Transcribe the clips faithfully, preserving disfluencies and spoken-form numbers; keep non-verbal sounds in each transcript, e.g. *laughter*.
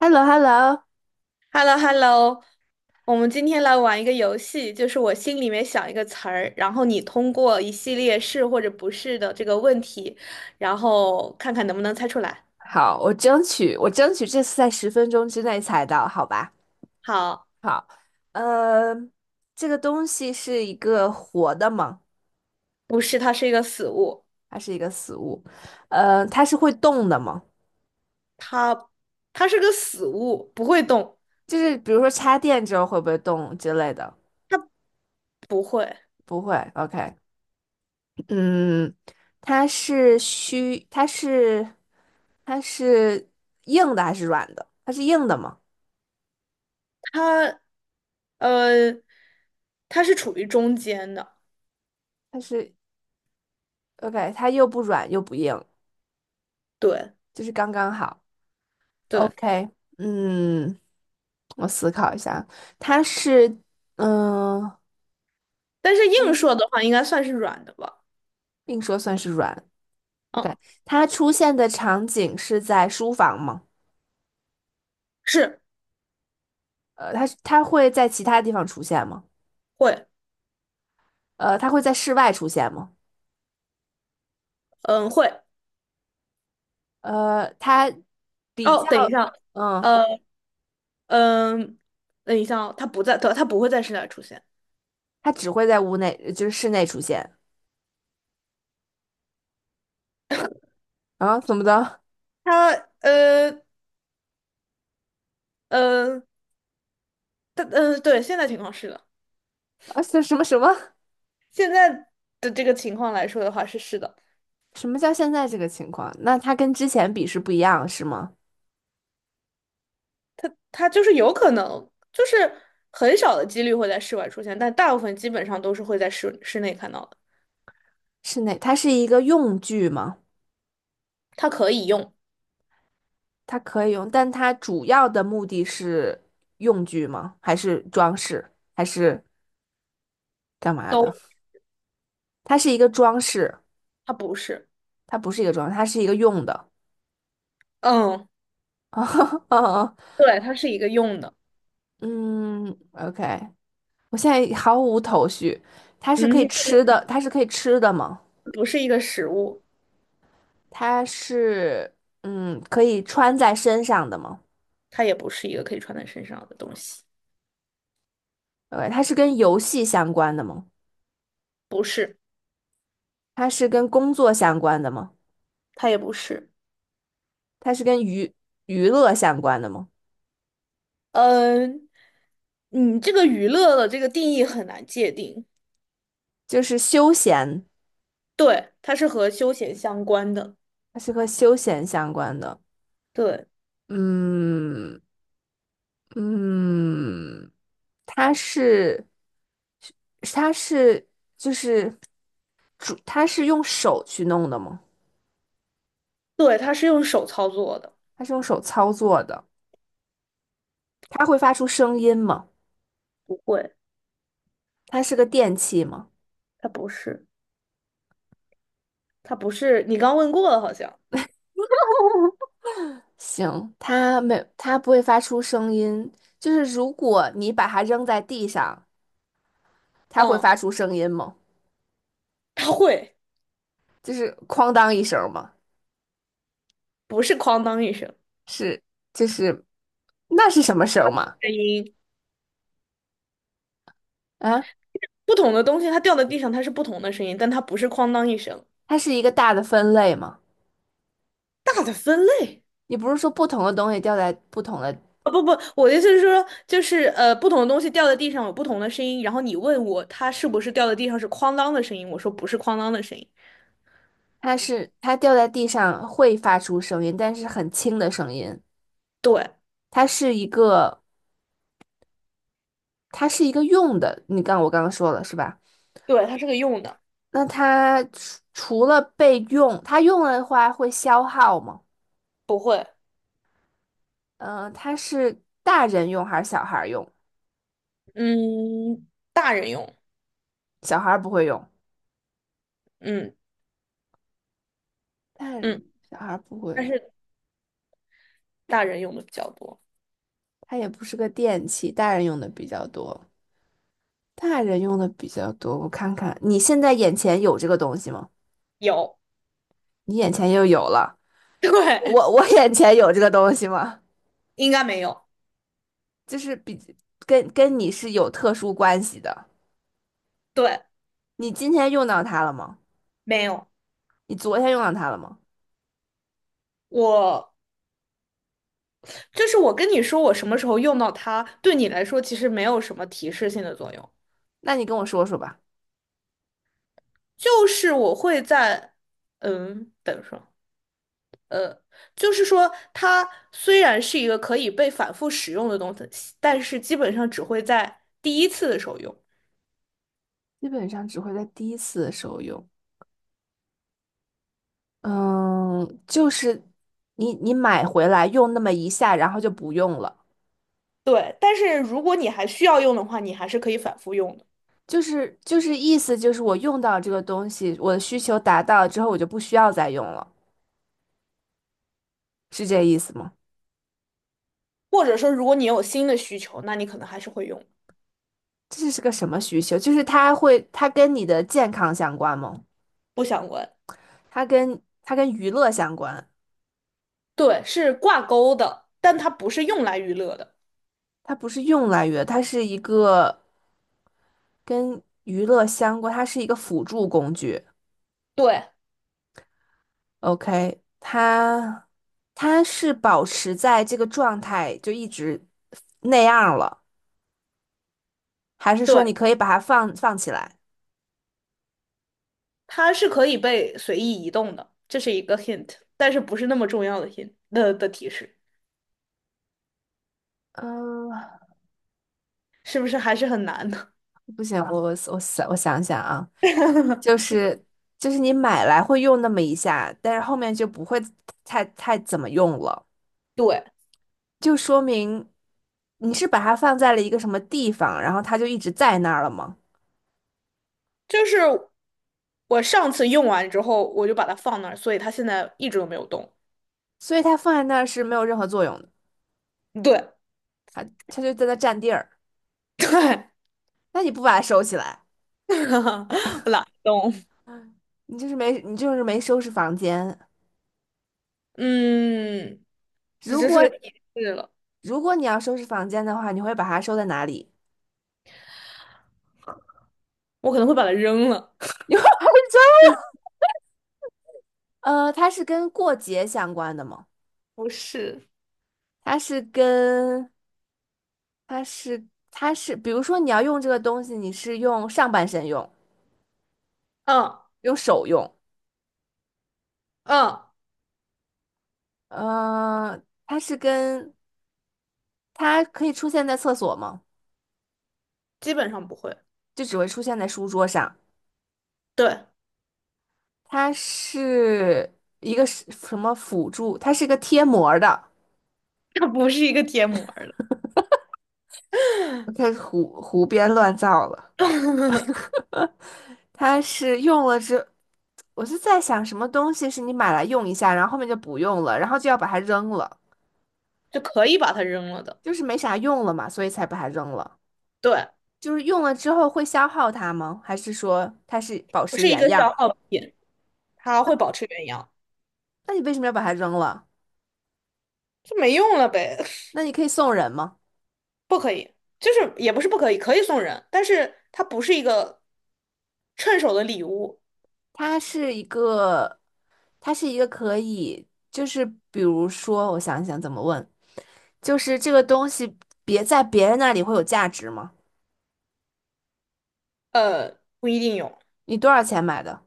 h e l l o h e l l o。 h e l l o h e l l o 我们今天来玩一个游戏，就是我心里面想一个词儿，然后你通过一系列是或者不是的这个问题，然后看看能不能猜出来。好，我争取，我争取这次在十分钟之内猜到，好吧？好，好。呃，这个东西是一个活的吗？不是，它是一个死物，还是一个死物。呃，它是会动的吗？它它是个死物，不会动，就是比如说插电之后会不会动之类的？它不会，不会，OK。嗯，它是虚，它是它是硬的还是软的？它是硬的吗？它呃，它是处于中间的，它是， OK,它又不软又不硬，对就是刚刚好。对，OK。嗯，我思考一下，它是，嗯、但是硬说的话，应该算是软的吧？并说算是软。o 嗯，k, 它出现的场景是在书房吗？是呃，它它会在其他地方出现吗？会，呃，它会在室外出现吗？嗯会。呃，它比哦，较，等一下。嗯，呃，嗯，等一下哦，它不在，它它不会在室外出现。它只会在屋内，就是室内出现。啊，怎么的？它呃呃，它嗯，对，现在情况是的，啊，什什么什么？现在的这个情况来说的话是是的，什么叫现在这个情况？那它跟之前比是不一样，是吗？它就是有可能，就是很少的几率会在室外出现，但大部分基本上都是会在室室内看到的。室内，它是一个用具吗？它可以用，它可以用，但它主要的目的是用具吗？还是装饰？还是干嘛的？都，它是一个装饰，它不是，它不是一个装饰，它是一个用的。嗯，*laughs* 对，它是一个用的，嗯，OK。我现在毫无头绪。它是可嗯，以吃的，它是可以吃的吗？不是一个食物，它是嗯，可以穿在身上的吗？ 它也不是一个可以穿在身上的东西，o, 它是跟游戏相关的吗？不是，它是跟工作相关的吗？它也不是。它是跟娱娱乐相关的吗？呃嗯，你这个娱乐的这个定义很难界定。就是休闲。对，它是和休闲相关的。它是和休闲相关的。对，嗯。嗯，它是它是就是主，它是用手去弄的吗？对，它是用手操作的。它是用手操作的？它会发出声音吗？不会，它是个电器吗？它不是，它不是。你刚问过了，好像。行，它没，它不会发出声音。就是如果你把它扔在地上，它会嗯，发出声音吗？它会，就是哐当一声吗？不是哐当一声是，就是那是什么声吗？声音。啊？不同的东西，它掉在地上，它是不同的声音，但它不是哐当一声。它是一个大的分类嘛？大的分类。你不是说不同的东西掉在不同的，啊不不，我的意思是说，就是呃，不同的东西掉在地上有不同的声音，然后你问我它是不是掉在地上是哐当的声音，我说不是哐当的声音。它是它掉在地上会发出声音，但是很轻的声音。对，它是一个，它是一个用的。你刚我刚刚说了是吧？对，它是个用的，那它除除了被用，它用了的话会消耗吗？不会，嗯、呃它是大人用还是小孩儿用？嗯，大人用，小孩儿不会用，嗯大嗯，人小孩儿不会但用，是大人用的比较多。它也不是个电器，大人用的比较多。大人用的比较多，我看看，你现在眼前有这个东西吗？有，你眼前又有了，*laughs* 对，我我眼前有这个东西吗？应该没有，就是比跟跟你是有特殊关系的。对，你今天用到它了吗？没有。你昨天用到它了吗？我就是我跟你说，我什么时候用到它，对你来说其实没有什么提示性的作用，那你跟我说说吧。就是我会在，嗯，等说，就是说它虽然是一个可以被反复使用的东西，但是基本上只会在第一次的时候用。基本上只会在第一次的时候用，嗯，就是你你买回来用那么一下，然后就不用了。对，但是如果你还需要用的话，你还是可以反复用的，就是就是意思就是我用到这个东西，我的需求达到之后，我就不需要再用了，是这意思吗？或者说如果你有新的需求，那你可能还是会用，这是个什么需求？就是它会，它跟你的健康相关吗？不相关。它跟它跟娱乐相关，对，是挂钩的，但它不是用来娱乐的。它不是用来娱乐，它是一个跟娱乐相关，它是一个辅助工具。对，OK。它它是保持在这个状态就一直那样了，还是说你对，可以把它放放起来？它是可以被随意移动的，这是一个 hint，但是不是那么重要的 hint 的的提示，嗯。是不是还是很难的？不行，我我我想我想想啊。就 *laughs* 是就是你买来会用那么一下，但是后面就不会太太怎么用了，对，就说明你是把它放在了一个什么地方，然后它就一直在那儿了吗？就是我上次用完之后，我就把它放那儿，所以它现在一直都没有动。所以它放在那儿是没有任何作用的，对，它它就在那占地儿。对，那你不把它收起来，*laughs* 我懒得动。你就是没你就是没收拾房间。嗯，这如就是果个提示了，如果你要收拾房间的话，你会把它收在哪里？我可能会把它扔了。*laughs* 你会把它收？呃，它是跟过节相关的吗？不是，它是跟它是它是，比如说你要用这个东西，你是用上半身用，嗯用手用。嗯，呃，它是跟它可以出现在厕所吗？基本上不会，就只会出现在书桌上。对，它是一个是什么辅助？它是个贴膜儿的，*laughs* 它不是一个贴膜儿了。我开始胡胡编乱造了。*laughs* 它是用了之，我就在想什么东西是你买来用一下，然后后面就不用了，然后就要把它扔了，就可以把它扔了的，就是没啥用了嘛，所以才把它扔了。对，就是用了之后会消耗它吗？还是说它是保不持是一原个样？消耗品，它会保持原样，那你为什么要把它扔了？就没用了呗，那你可以送人吗？*laughs* 不可以，就是也不是不可以，可以送人，但是它不是一个趁手的礼物，它是一个，它是一个可以，就是比如说，我想一想怎么问，就是这个东西别在别人那里会有价值吗？呃，不一定有。你多少钱买的？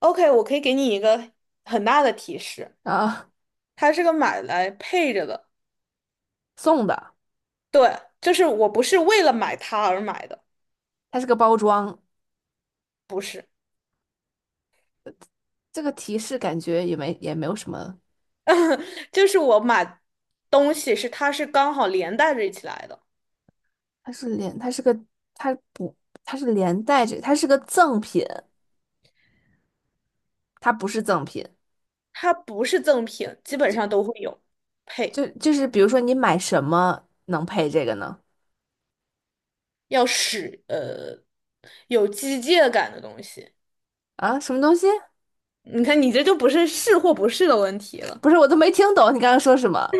OK，我可以给你一个很大的提示，啊，它是个买来配着的。送的，对，就是我不是为了买它而买的，它是个包装，不是，这个提示感觉也没也没有什么，*laughs* 就是我买东西是它是刚好连带着一起来的，它是连，它是个，它不，它是连带着，它是个赠品，它不是赠品。它不是赠品，基本上都会有配，就就是比如说你买什么能配这个呢？要使呃有机械感的东西。啊，什么东西？你看，你这就不是是或不是的问题了。不是，我都没听懂你刚刚说什么。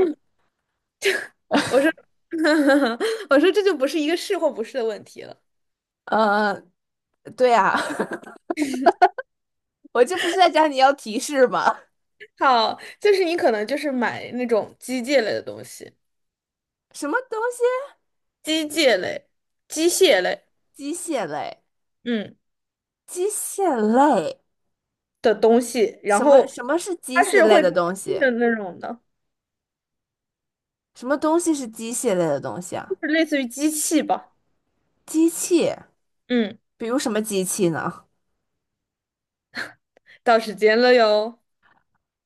我说，*laughs* 我说这就不是一个是或不是的问题了。呃，对呀，*laughs* 我这不是在讲你要提示吗？好，就是你可能就是买那种机械类的东西，什么东西？机械类、机械类，机械类，嗯。机械类。的东西，然什么后什么是机它械是类会的不开东心西？的那种的，什么东西是机械类的东西啊？就是类似于机器吧。机器。嗯，比如什么机器呢？到时间了哟。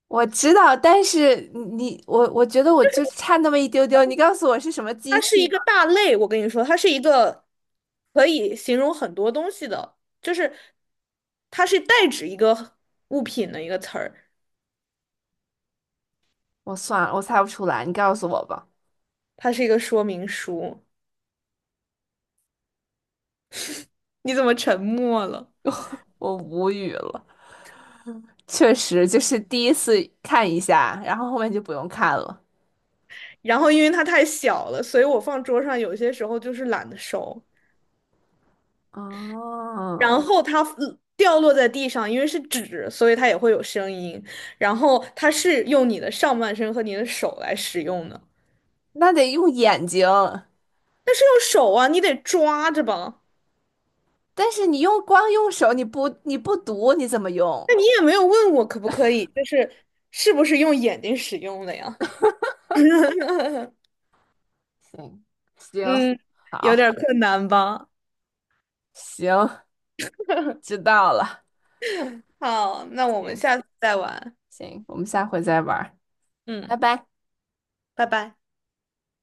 我知道，但是你我我觉得我就差那么一丢丢，你告诉我是什么机它是器一个吧。大类，我跟你说，它是一个可以形容很多东西的，就是它是代指一个物品的一个词儿，我算了，我猜不出来，你告诉我吧。它是一个说明书。你怎么沉默了？我无语了，确实就是第一次看一下，然后后面就不用看了。然后因为它太小了，所以我放桌上有些时候就是懒得收。哦，然后它嗯掉落在地上，因为是纸，所以它也会有声音。然后它是用你的上半身和你的手来使用的，那得用眼睛，但是用手啊，你得抓着吧。但是你用光用手，你不你不读，你怎么用？那你也没有问我可不可以，就是是不是用眼睛使用的呀？*laughs* 行。行，嗯，有好，点困难吧。行，知道了。好，那我们行下次再玩。行，我们下回再玩儿。嗯，拜拜。拜拜。